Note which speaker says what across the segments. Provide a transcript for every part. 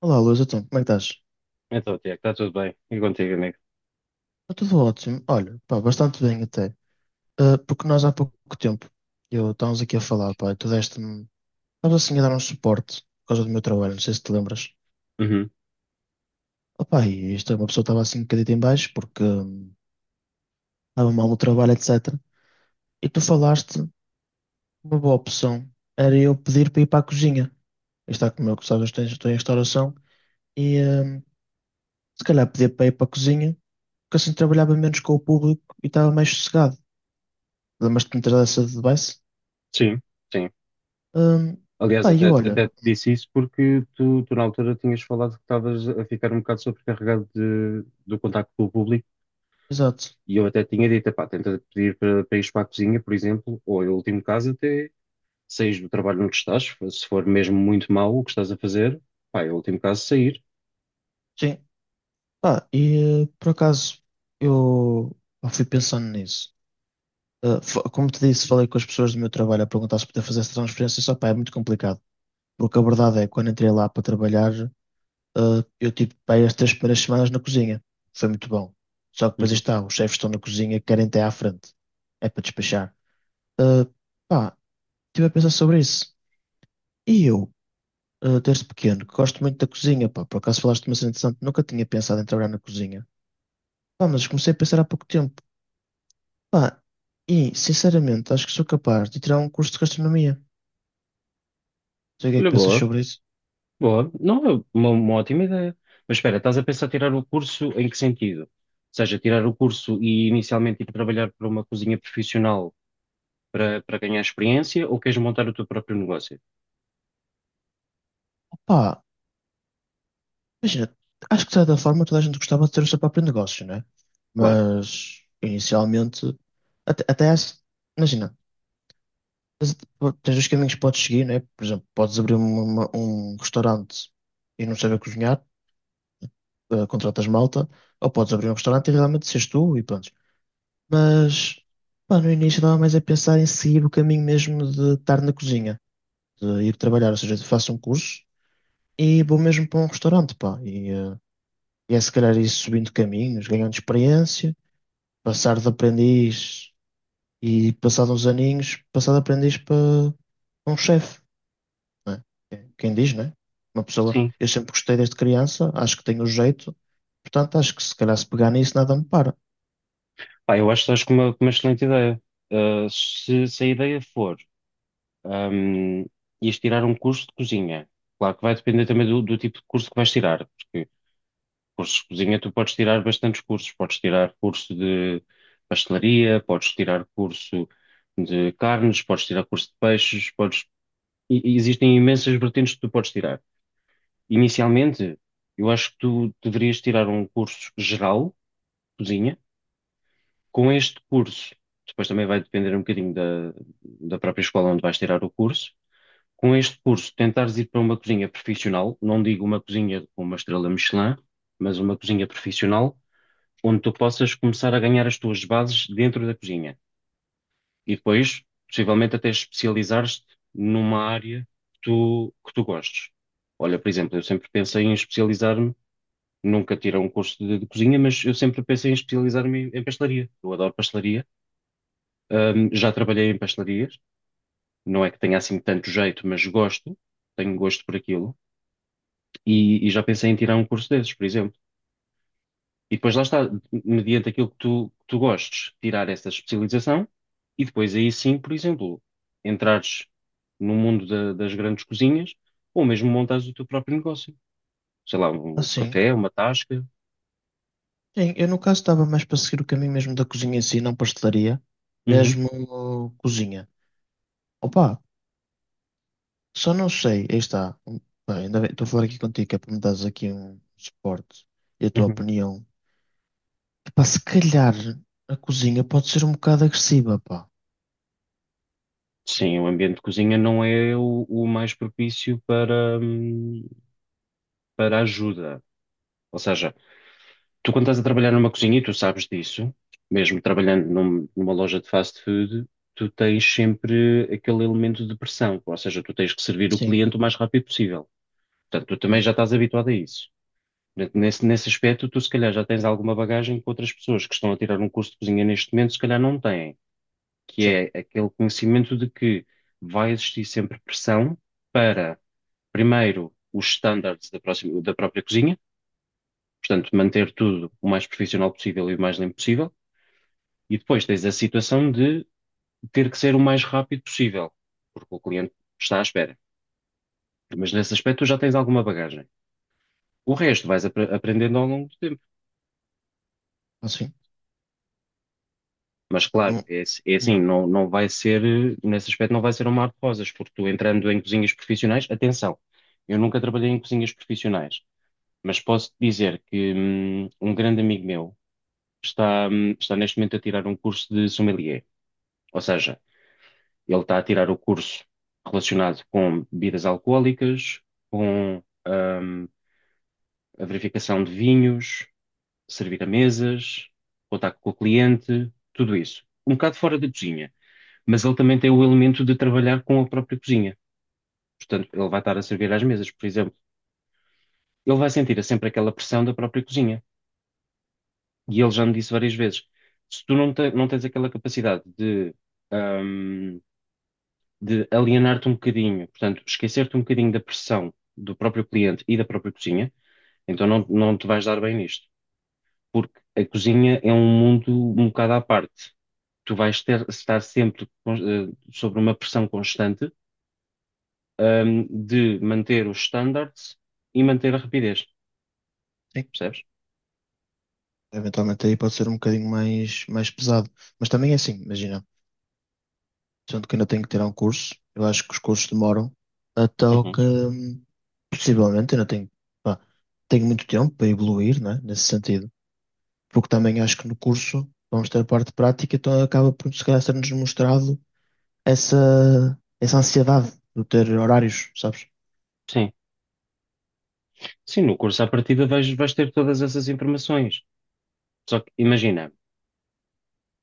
Speaker 1: Olá, Luís, então, como é que estás?
Speaker 2: Então, Tiago, está tudo bem. E contigo, amigo?
Speaker 1: Está tudo ótimo. Olha, pá, bastante bem até. Ah, porque nós há pouco tempo, eu estávamos aqui a falar, pá, e tu deste-me, estavas assim a dar um suporte por causa do meu trabalho, não sei se te lembras.
Speaker 2: Uhum.
Speaker 1: Opá, e isto, é uma pessoa estava assim um bocadinho em baixo porque estava mal no trabalho, etc. E tu falaste, uma boa opção era eu pedir para ir para a cozinha. Está como eu que sabes, estou em restauração e se calhar pedir para ir para a cozinha, porque assim trabalhava menos com o público e estava mais sossegado. Lembras-te de me ter dado essa advice?
Speaker 2: Sim, sim.
Speaker 1: Hum,
Speaker 2: Aliás,
Speaker 1: pá, e
Speaker 2: até,
Speaker 1: eu olho,
Speaker 2: até te disse isso porque tu na altura tinhas falado que estavas a ficar um bocado sobrecarregado do contacto com o público
Speaker 1: exato,
Speaker 2: e eu até tinha dito, pá, tenta pedir para ires para a cozinha, por exemplo, ou em último caso até saís do trabalho onde estás, se for mesmo muito mau o que estás a fazer, pá, em último caso sair.
Speaker 1: sim, pá, e por acaso eu eu fui pensando nisso. Como te disse, falei com as pessoas do meu trabalho a perguntar se podia fazer essa transferência, só pá, é muito complicado, porque a verdade é que quando entrei lá para trabalhar, eu tive pá, aí as três primeiras semanas na cozinha, foi muito bom. Só que depois aí
Speaker 2: Uhum.
Speaker 1: está, os chefes estão na cozinha, querem ter à frente, é para despachar. Eh, pá, estive a pensar sobre isso. E eu? Desde pequeno, que gosto muito da cozinha, pá. Por acaso falaste de uma cena interessante, nunca tinha pensado em trabalhar na cozinha. Pá, mas comecei a pensar há pouco tempo. Pá, e, sinceramente, acho que sou capaz de tirar um curso de gastronomia. Não sei o que é que
Speaker 2: Olha,
Speaker 1: pensas
Speaker 2: boa.
Speaker 1: sobre isso.
Speaker 2: Boa, não é uma ótima ideia. Mas espera, estás a pensar tirar o curso em que sentido? Ou seja, tirar o curso e inicialmente ir trabalhar para uma cozinha profissional para ganhar experiência ou queres montar o teu próprio negócio?
Speaker 1: Pá, imagina, acho que de certa forma toda a gente gostava de ter o seu próprio negócio, né?
Speaker 2: Claro.
Speaker 1: Mas, inicialmente, até, até acho- imagina, tens, tens os caminhos que podes seguir, né? Por exemplo, podes abrir um restaurante e não saber cozinhar. Contratas malta, ou podes abrir um restaurante e realmente seres tu e pronto. Mas, pá, no início estava mais a pensar em seguir o caminho mesmo de estar na cozinha, de ir trabalhar, ou seja, faço um curso e vou mesmo para um restaurante, pá. E é se calhar ir subindo caminhos, ganhando experiência, passar de aprendiz e passado uns aninhos, passar de aprendiz para um chefe, né? Quem diz, né? Uma pessoa,
Speaker 2: Sim.
Speaker 1: eu sempre gostei desde criança, acho que tenho o jeito. Portanto, acho que se calhar se pegar nisso nada me para.
Speaker 2: Pá, eu acho que estás com com uma excelente ideia. Ah, se a ideia for, ahm, ires tirar um curso de cozinha, claro que vai depender também do tipo de curso que vais tirar, porque cursos de cozinha, tu podes tirar bastantes cursos. Podes tirar curso de pastelaria, podes tirar curso de carnes, podes tirar curso de peixes, podes... e existem imensas vertentes que tu podes tirar. Inicialmente, eu acho que tu deverias tirar um curso geral, cozinha, com este curso. Depois também vai depender um bocadinho da própria escola onde vais tirar o curso. Com este curso, tentares ir para uma cozinha profissional, não digo uma cozinha com uma estrela Michelin, mas uma cozinha profissional onde tu possas começar a ganhar as tuas bases dentro da cozinha e depois, possivelmente, até especializares-te numa área que tu gostes. Olha, por exemplo, eu sempre pensei em especializar-me, nunca tirei um curso de cozinha, mas eu sempre pensei em especializar-me em pastelaria. Eu adoro pastelaria. Já trabalhei em pastelarias, não é que tenha assim tanto jeito, mas gosto, tenho gosto por aquilo e já pensei em tirar um curso desses, por exemplo. E depois lá está, mediante aquilo que tu gostes, tirar essa especialização e depois aí sim, por exemplo, entrares no mundo das grandes cozinhas ou mesmo montares o teu próprio negócio. Sei lá, um
Speaker 1: Assim,
Speaker 2: café, uma tasca.
Speaker 1: sim, eu no caso estava mais para seguir o caminho mesmo da cozinha em si, não pastelaria,
Speaker 2: Uhum,
Speaker 1: mesmo cozinha. Opa, só não sei, aí está. Pá, ainda bem, estou a falar aqui contigo, que é para me dares aqui um suporte e a tua
Speaker 2: uhum.
Speaker 1: opinião. Pá, se calhar a cozinha pode ser um bocado agressiva, pá.
Speaker 2: Sim, o ambiente de cozinha não é o mais propício para, para ajuda. Ou seja, tu, quando estás a trabalhar numa cozinha, e tu sabes disso, mesmo trabalhando numa loja de fast food, tu tens sempre aquele elemento de pressão, ou seja, tu tens que servir o
Speaker 1: Sim,
Speaker 2: cliente o mais rápido possível. Portanto, tu também já estás habituado a isso. Portanto, nesse aspecto, tu se calhar já tens alguma bagagem que outras pessoas que estão a tirar um curso de cozinha neste momento, se calhar não têm, que
Speaker 1: sim,
Speaker 2: é aquele conhecimento de que vai existir sempre pressão para, primeiro, os standards da própria cozinha, portanto, manter tudo o mais profissional possível e o mais limpo possível. E depois tens a situação de ter que ser o mais rápido possível, porque o cliente está à espera. Mas nesse aspecto tu já tens alguma bagagem. O resto vais aprendendo ao longo do tempo.
Speaker 1: assim.
Speaker 2: Mas claro,
Speaker 1: Não,
Speaker 2: é, é
Speaker 1: hum,
Speaker 2: assim, não, não vai ser, nesse aspecto não vai ser um mar de rosas, porque tu entrando em cozinhas profissionais, atenção, eu nunca trabalhei em cozinhas profissionais, mas posso dizer que um grande amigo meu está, está neste momento a tirar um curso de sommelier. Ou seja, ele está a tirar o curso relacionado com bebidas alcoólicas, com a verificação de vinhos, servir a mesas, contacto com o cliente, tudo isso. Um bocado fora da cozinha, mas ele também tem o elemento de trabalhar com a própria cozinha. Portanto, ele vai estar a servir às mesas, por exemplo. Ele vai sentir sempre aquela pressão da própria cozinha. E ele já me disse várias vezes: se tu não, não tens aquela capacidade de. hum, de alienar-te um bocadinho, portanto, esquecer-te um bocadinho da pressão do próprio cliente e da própria cozinha, então não, não te vais dar bem nisto, porque a cozinha é um mundo um bocado à parte. Tu vais ter, estar sempre sobre uma pressão constante, de manter os standards e manter a rapidez,
Speaker 1: sim,
Speaker 2: percebes?
Speaker 1: eventualmente aí pode ser um bocadinho mais, mais pesado. Mas também é assim, imagina. Sendo que ainda tenho que tirar um curso. Eu acho que os cursos demoram, então
Speaker 2: Uhum.
Speaker 1: que possivelmente ainda tenho, pá, tenho muito tempo para evoluir, né, nesse sentido, porque também acho que no curso vamos ter a parte prática, então acaba por se calhar ser-nos mostrado essa ansiedade de ter horários, sabes?
Speaker 2: Sim. Sim, no curso à partida vais, vais ter todas essas informações. Só que imagina.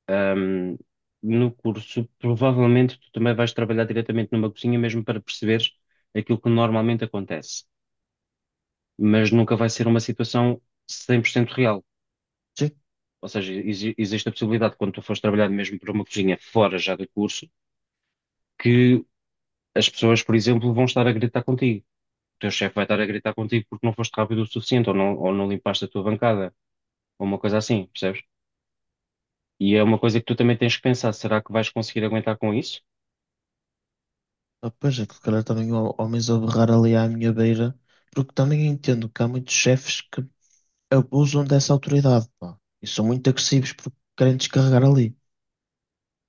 Speaker 2: Ahm, no curso, provavelmente tu também vais trabalhar diretamente numa cozinha mesmo para perceberes aquilo que normalmente acontece, mas nunca vai ser uma situação 100% real.
Speaker 1: Sim,
Speaker 2: Ou seja, existe a possibilidade, quando tu fores trabalhar mesmo para uma cozinha fora já do curso, que as pessoas, por exemplo, vão estar a gritar contigo. O teu chefe vai estar a gritar contigo porque não foste rápido o suficiente ou não limpaste a tua bancada, ou uma coisa assim, percebes? E é uma coisa que tu também tens que pensar, será que vais conseguir aguentar com isso?
Speaker 1: ah, pois é que se calhar também há homens a berrar ali à minha beira, porque também entendo que há muitos chefes que abusam dessa autoridade, pá, e são muito agressivos porque querem descarregar ali.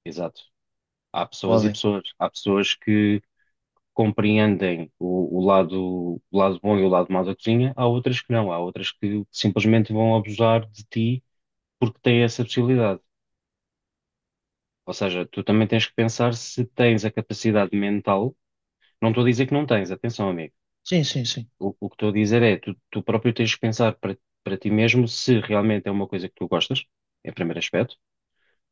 Speaker 2: Exato. Há pessoas e
Speaker 1: Podem.
Speaker 2: pessoas. Há pessoas que compreendem o lado bom e o lado mau da cozinha, há outras que não. Há outras que simplesmente vão abusar de ti porque têm essa possibilidade. Ou seja, tu também tens que pensar se tens a capacidade mental. Não estou a dizer que não tens, atenção, amigo.
Speaker 1: Sim, sim, sim.
Speaker 2: O que estou a dizer é, tu próprio tens que pensar para, para ti mesmo se realmente é uma coisa que tu gostas, em primeiro aspecto.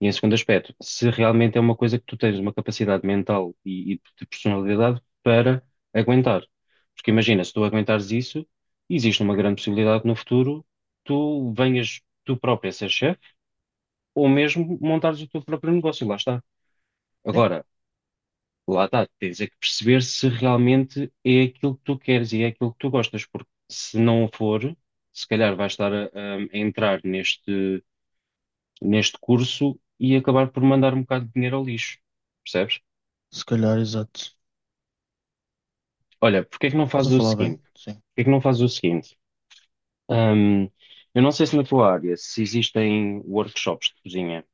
Speaker 2: E em segundo aspecto, se realmente é uma coisa que tu tens uma capacidade mental e de personalidade para aguentar. Porque imagina, se tu aguentares isso, existe uma grande possibilidade que no futuro tu venhas tu próprio a ser chefe ou mesmo montares o teu próprio negócio, lá está.
Speaker 1: Sim.
Speaker 2: Agora, lá está, tens é que perceber se realmente é aquilo que tu queres e é aquilo que tu gostas, porque se não for, se calhar vais estar a entrar neste curso e acabar por mandar um bocado de dinheiro ao lixo, percebes?
Speaker 1: Se calhar, exato.
Speaker 2: Olha, porque é que não
Speaker 1: Estás a
Speaker 2: fazes o
Speaker 1: falar
Speaker 2: seguinte?
Speaker 1: bem? Sim,
Speaker 2: Porque é que não fazes o seguinte? Hum, eu não sei se na tua área se existem workshops de cozinha,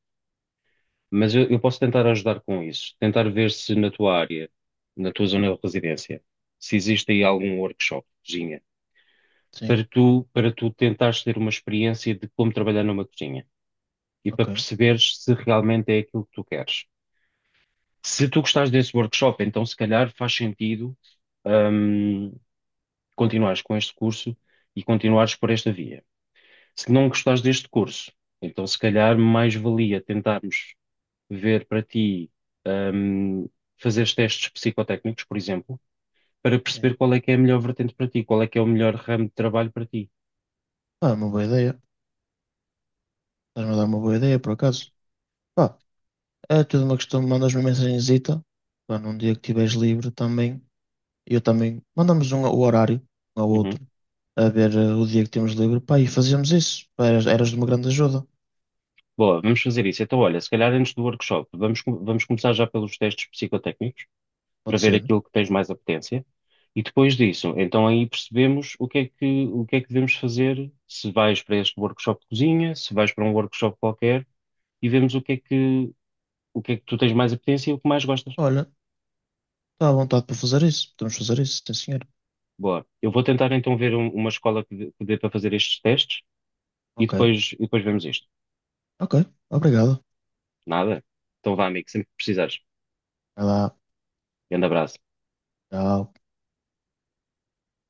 Speaker 2: mas eu posso tentar ajudar com isso, tentar ver se na tua área, na tua zona de residência, se existe aí algum workshop de cozinha,
Speaker 1: sim,
Speaker 2: para tu tentares ter uma experiência de como trabalhar numa cozinha e para
Speaker 1: ok,
Speaker 2: perceberes se realmente é aquilo que tu queres. Se tu gostares desse workshop, então se calhar faz sentido, hum, continuares com este curso e continuares por esta via. Se não gostares deste curso, então se calhar mais valia tentarmos ver para ti, hum, fazeres testes psicotécnicos, por exemplo, para
Speaker 1: sim.
Speaker 2: perceber qual é que é a melhor vertente para ti, qual é que é o melhor ramo de trabalho para ti.
Speaker 1: Ah, é uma boa ideia. Estás-me a dar uma boa ideia, por acaso. Pá, é tudo uma questão, mandas-me uma mensagenzita, pá, num dia que estiveres livre também, eu também, mandamos o horário, um ao
Speaker 2: Uhum.
Speaker 1: outro, a ver o dia que temos livre, pá, e fazíamos isso. Pá, eras de uma grande ajuda,
Speaker 2: Boa, vamos fazer isso. Então, olha, se calhar antes do workshop, vamos, vamos começar já pelos testes psicotécnicos, para
Speaker 1: pode
Speaker 2: ver
Speaker 1: ser.
Speaker 2: aquilo que tens mais apetência. E depois disso, então aí percebemos o que é que, o que é que devemos fazer, se vais para este workshop de cozinha, se vais para um workshop qualquer, e vemos o que é que, o que é que tu tens mais apetência e o que mais gostas.
Speaker 1: Olha, está à vontade para fazer isso, podemos fazer isso, sim senhor.
Speaker 2: Boa. Eu vou tentar então ver uma escola que dê para fazer estes testes
Speaker 1: Ok,
Speaker 2: e depois vemos isto.
Speaker 1: ok, obrigado.
Speaker 2: Nada? Então vá, amigo, sempre que precisares.
Speaker 1: Vai lá,
Speaker 2: Grande abraço.
Speaker 1: tchau.